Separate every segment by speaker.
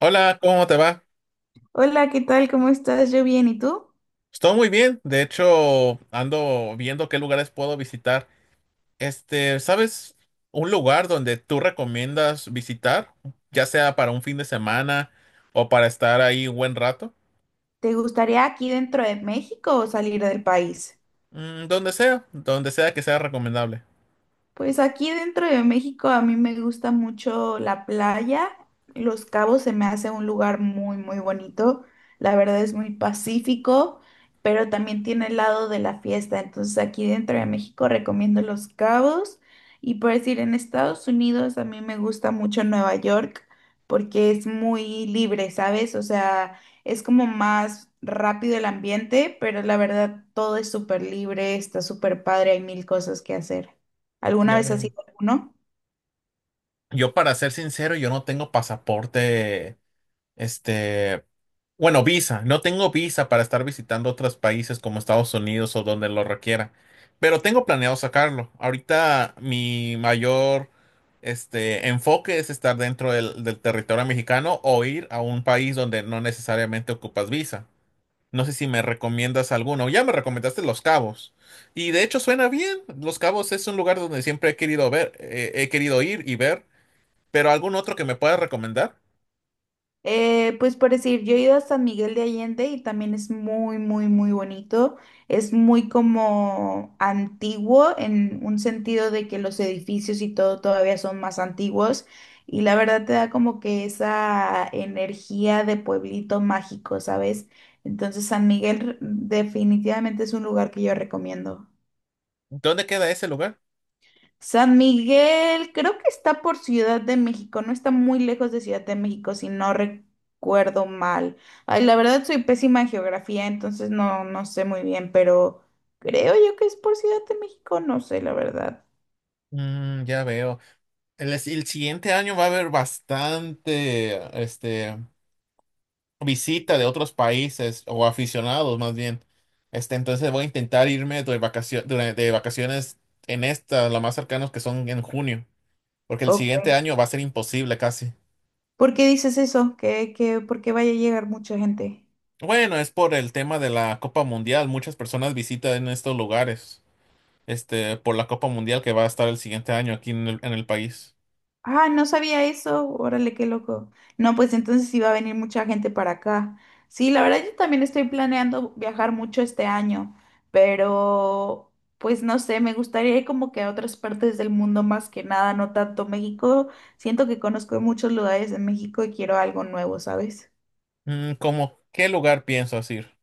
Speaker 1: Hola, ¿cómo te va?
Speaker 2: Hola, ¿qué tal? ¿Cómo estás? Yo bien, ¿y tú?
Speaker 1: Estoy muy bien. De hecho, ando viendo qué lugares puedo visitar. ¿Sabes un lugar donde tú recomiendas visitar? Ya sea para un fin de semana o para estar ahí un buen rato.
Speaker 2: ¿Te gustaría aquí dentro de México o salir del país?
Speaker 1: Mm, donde sea que sea recomendable.
Speaker 2: Pues aquí dentro de México a mí me gusta mucho la playa. Los Cabos se me hace un lugar muy, muy bonito. La verdad es muy pacífico, pero también tiene el lado de la fiesta. Entonces aquí dentro de México recomiendo Los Cabos. Y por decir, en Estados Unidos a mí me gusta mucho Nueva York porque es muy libre, ¿sabes? O sea, es como más rápido el ambiente, pero la verdad todo es súper libre, está súper padre, hay mil cosas que hacer. ¿Alguna
Speaker 1: Ya
Speaker 2: vez has
Speaker 1: veo.
Speaker 2: ido a alguno?
Speaker 1: Yo, para ser sincero, yo no tengo pasaporte, este, bueno, visa. No tengo visa para estar visitando otros países como Estados Unidos o donde lo requiera. Pero tengo planeado sacarlo. Ahorita mi mayor enfoque es estar dentro del territorio mexicano o ir a un país donde no necesariamente ocupas visa. No sé si me recomiendas alguno. Ya me recomendaste Los Cabos. Y de hecho suena bien. Los Cabos es un lugar donde siempre he querido ver, he querido ir y ver. Pero algún otro que me puedas recomendar.
Speaker 2: Pues por decir, yo he ido a San Miguel de Allende y también es muy, muy, muy bonito. Es muy como antiguo en un sentido de que los edificios y todo todavía son más antiguos y la verdad te da como que esa energía de pueblito mágico, ¿sabes? Entonces San Miguel definitivamente es un lugar que yo recomiendo.
Speaker 1: ¿Dónde queda ese lugar?
Speaker 2: San Miguel, creo que está por Ciudad de México, no está muy lejos de Ciudad de México, si no recuerdo mal. Ay, la verdad soy pésima en geografía, entonces no, no sé muy bien, pero creo yo que es por Ciudad de México, no sé la verdad.
Speaker 1: Mm, ya veo. El siguiente año va a haber bastante, visita de otros países o aficionados más bien. Este, entonces voy a intentar irme de vacaciones en esta, lo más cercanos que son en junio, porque el
Speaker 2: Ok.
Speaker 1: siguiente año va a ser imposible casi.
Speaker 2: ¿Por qué dices eso? ¿Qué, por qué vaya a llegar mucha gente?
Speaker 1: Bueno, es por el tema de la Copa Mundial. Muchas personas visitan estos lugares, por la Copa Mundial que va a estar el siguiente año aquí en en el país.
Speaker 2: Ah, no sabía eso. Órale, qué loco. No, pues entonces sí va a venir mucha gente para acá. Sí, la verdad yo también estoy planeando viajar mucho este año, pero pues no sé, me gustaría ir como que a otras partes del mundo más que nada, no tanto México. Siento que conozco muchos lugares en México y quiero algo nuevo, ¿sabes?
Speaker 1: Mm, ¿cómo qué lugar piensas ir?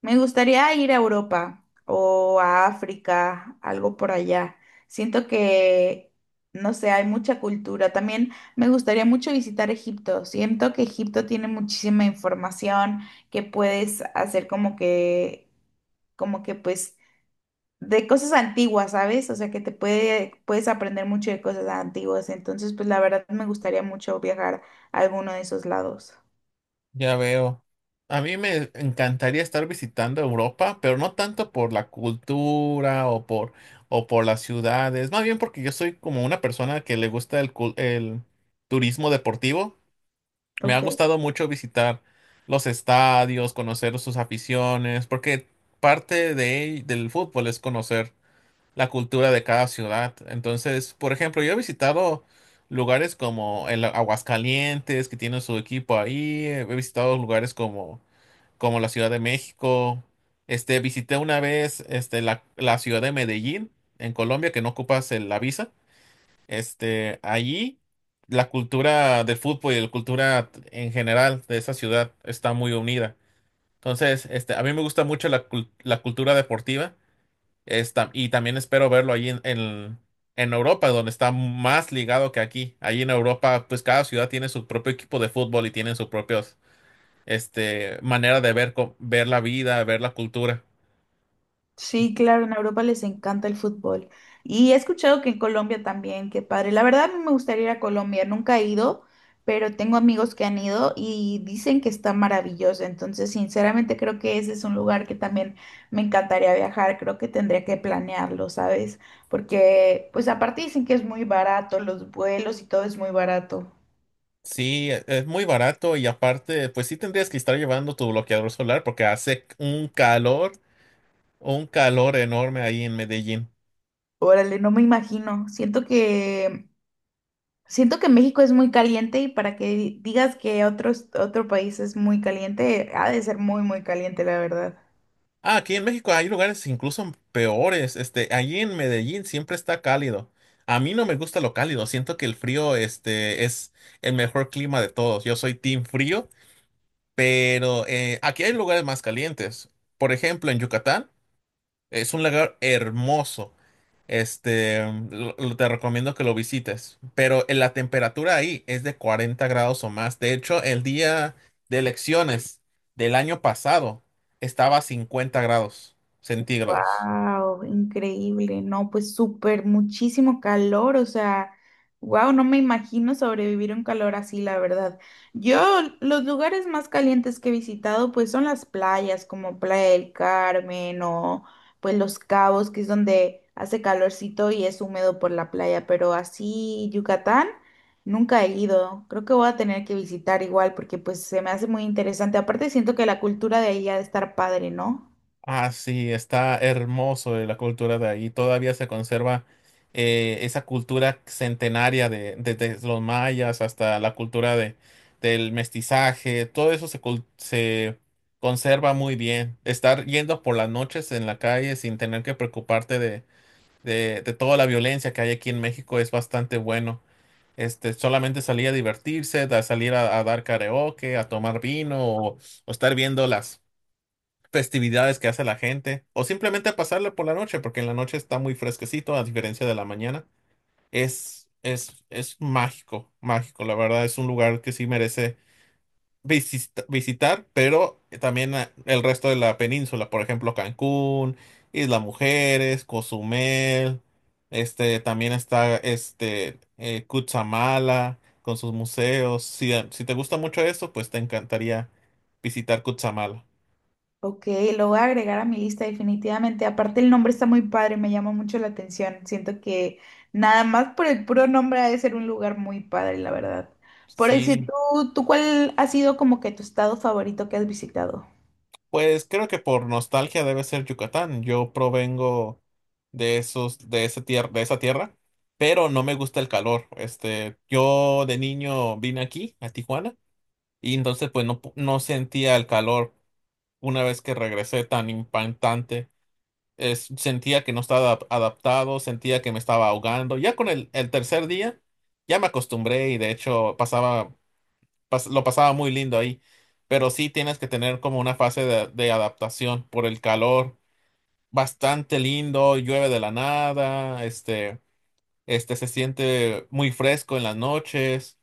Speaker 2: Me gustaría ir a Europa o a África, algo por allá. Siento que, no sé, hay mucha cultura. También me gustaría mucho visitar Egipto. Siento que Egipto tiene muchísima información que puedes hacer como que pues, de cosas antiguas, ¿sabes? O sea, que te puede, puedes aprender mucho de cosas antiguas. Entonces, pues la verdad me gustaría mucho viajar a alguno de esos lados.
Speaker 1: Ya veo. A mí me encantaría estar visitando Europa, pero no tanto por la cultura o por las ciudades, más bien porque yo soy como una persona que le gusta el turismo deportivo. Me ha
Speaker 2: Ok.
Speaker 1: gustado mucho visitar los estadios, conocer sus aficiones, porque del fútbol es conocer la cultura de cada ciudad. Entonces, por ejemplo, yo he visitado lugares como el Aguascalientes, que tiene su equipo ahí, he visitado como la Ciudad de México, visité una vez la ciudad de Medellín, en Colombia, que no ocupas la visa. Allí la cultura del fútbol y la cultura en general de esa ciudad está muy unida. Entonces, a mí me gusta mucho la cultura deportiva. Y también espero verlo ahí en Europa, donde está más ligado que aquí. Ahí en Europa, pues cada ciudad tiene su propio equipo de fútbol y tienen sus propios, manera de ver, ver la vida, ver la cultura.
Speaker 2: Sí, claro, en Europa les encanta el fútbol. Y he escuchado que en Colombia también, qué padre. La verdad me gustaría ir a Colombia, nunca he ido, pero tengo amigos que han ido y dicen que está maravilloso. Entonces, sinceramente creo que ese es un lugar que también me encantaría viajar. Creo que tendría que planearlo, ¿sabes? Porque, pues aparte dicen que es muy barato, los vuelos y todo es muy barato.
Speaker 1: Sí, es muy barato y aparte, pues sí tendrías que estar llevando tu bloqueador solar porque hace un calor enorme ahí en Medellín.
Speaker 2: Órale, no me imagino. Siento que México es muy caliente y para que digas que otro, otro país es muy caliente, ha de ser muy, muy caliente, la verdad.
Speaker 1: Ah, aquí en México hay lugares incluso peores. Allí en Medellín siempre está cálido. A mí no me gusta lo cálido. Siento que el frío es el mejor clima de todos. Yo soy team frío, pero aquí hay lugares más calientes. Por ejemplo, en Yucatán. Es un lugar hermoso. Este, Te recomiendo que lo visites. Pero en la temperatura ahí es de 40 grados o más. De hecho, el día de elecciones del año pasado estaba a 50 grados centígrados.
Speaker 2: Wow, increíble, no, pues súper, muchísimo calor, o sea, wow, no me imagino sobrevivir un calor así, la verdad. Yo, los lugares más calientes que he visitado, pues son las playas, como Playa del Carmen o pues Los Cabos, que es donde hace calorcito y es húmedo por la playa, pero así Yucatán nunca he ido. Creo que voy a tener que visitar igual porque pues se me hace muy interesante. Aparte siento que la cultura de ahí ha de estar padre, ¿no?
Speaker 1: Ah, sí, está hermoso de la cultura de ahí. Todavía se conserva esa cultura centenaria de, desde los mayas hasta la cultura del mestizaje. Todo eso se conserva muy bien. Estar yendo por las noches en la calle sin tener que preocuparte de toda la violencia que hay aquí en México es bastante bueno. Solamente salir a divertirse, salir a dar karaoke, a tomar vino, o estar viendo las festividades que hace la gente, o simplemente pasarla por la noche, porque en la noche está muy fresquecito, a diferencia de la mañana. Es mágico, mágico, la verdad, es un lugar que sí merece visitar, pero también el resto de la península, por ejemplo, Cancún, Isla Mujeres, Cozumel, también está Cutzamala con sus museos. Si te gusta mucho eso, pues te encantaría visitar Cutzamala.
Speaker 2: Ok, lo voy a agregar a mi lista definitivamente. Aparte el nombre está muy padre, me llama mucho la atención. Siento que nada más por el puro nombre ha de ser un lugar muy padre, la verdad. Por decir,
Speaker 1: Sí.
Speaker 2: ¿tú cuál ha sido como que tu estado favorito que has visitado?
Speaker 1: Pues creo que por nostalgia debe ser Yucatán. Yo provengo de esa tierra, pero no me gusta el calor. Yo de niño vine aquí, a Tijuana, y entonces no sentía el calor una vez que regresé tan impactante. Sentía que no estaba adaptado, sentía que me estaba ahogando. Ya con el tercer día ya me acostumbré y de hecho lo pasaba muy lindo ahí. Pero sí tienes que tener como una fase de adaptación por el calor. Bastante lindo, llueve de la nada, se siente muy fresco en las noches,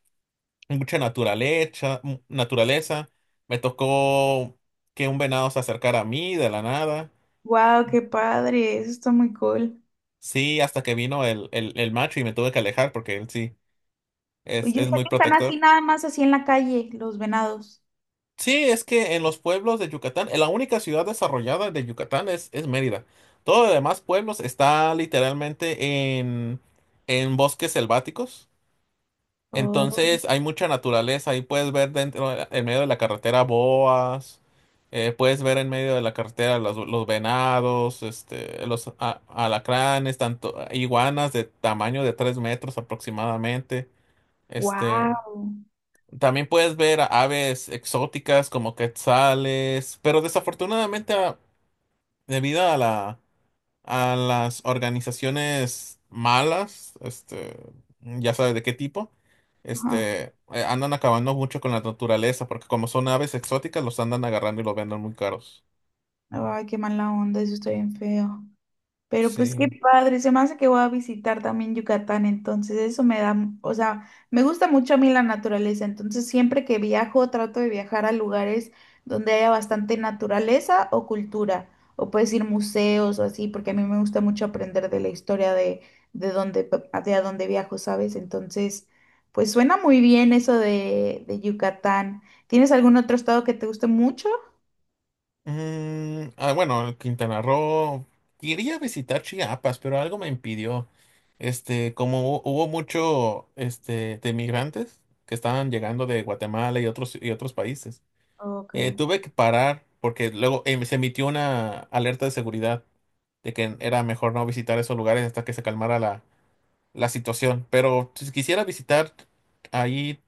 Speaker 1: mucha naturaleza, naturaleza. Me tocó que un venado se acercara a mí de la nada.
Speaker 2: Wow, qué padre, eso está muy cool.
Speaker 1: Sí, hasta que vino el macho y me tuve que alejar porque él sí
Speaker 2: Y yo
Speaker 1: es
Speaker 2: sé
Speaker 1: muy
Speaker 2: que están así
Speaker 1: protector.
Speaker 2: nada más así en la calle, los venados.
Speaker 1: Sí, es que en los pueblos de Yucatán, en la única ciudad desarrollada de Yucatán es Mérida. Todo los demás pueblos está literalmente en bosques selváticos.
Speaker 2: Oh,
Speaker 1: Entonces hay mucha naturaleza. Ahí puedes ver dentro, en medio de la carretera boas, puedes ver en medio de la carretera los venados, alacranes, tanto iguanas de tamaño de 3 metros aproximadamente. este.
Speaker 2: wow.
Speaker 1: También puedes ver a aves exóticas como quetzales, pero desafortunadamente debido a a las organizaciones malas, ya sabes de qué tipo, andan acabando mucho con la naturaleza, porque como son aves exóticas, los andan agarrando y los venden muy caros.
Speaker 2: Ay, qué mala onda, eso está bien feo. Pero pues
Speaker 1: Sí.
Speaker 2: qué padre, se me hace que voy a visitar también Yucatán, entonces eso me da, o sea, me gusta mucho a mí la naturaleza, entonces siempre que viajo trato de viajar a lugares donde haya bastante naturaleza o cultura, o puedes ir museos o así, porque a mí me gusta mucho aprender de la historia de donde, de a dónde viajo, ¿sabes? Entonces, pues suena muy bien eso de Yucatán. ¿Tienes algún otro estado que te guste mucho?
Speaker 1: Mm, ah, bueno, Quintana Roo. Quería visitar Chiapas, pero algo me impidió. Hubo mucho, de migrantes que estaban llegando de Guatemala y otros países.
Speaker 2: Ok,
Speaker 1: Eh, tuve que parar porque luego se emitió una alerta de seguridad de que era mejor no visitar esos lugares hasta que se calmara la situación. Pero si quisiera visitar ahí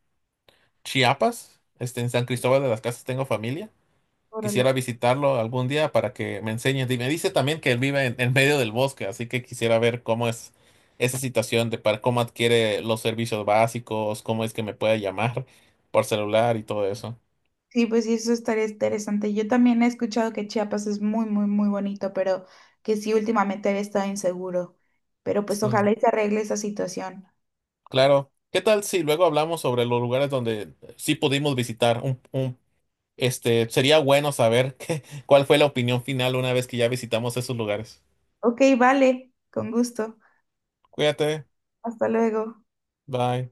Speaker 1: Chiapas, en San Cristóbal de las Casas tengo familia.
Speaker 2: órale.
Speaker 1: Quisiera visitarlo algún día para que me enseñe. Y me dice también que él vive en medio del bosque, así que quisiera ver cómo es esa situación de para cómo adquiere los servicios básicos, cómo es que me puede llamar por celular y todo eso.
Speaker 2: Sí, pues sí, eso estaría interesante. Yo también he escuchado que Chiapas es muy, muy, muy bonito, pero que sí últimamente había estado inseguro. Pero pues ojalá
Speaker 1: Sí,
Speaker 2: y se arregle esa situación.
Speaker 1: claro. ¿Qué tal si luego hablamos sobre los lugares donde sí pudimos visitar? Sería bueno saber cuál fue la opinión final una vez que ya visitamos esos lugares.
Speaker 2: Ok, vale, con gusto.
Speaker 1: Cuídate.
Speaker 2: Hasta luego.
Speaker 1: Bye.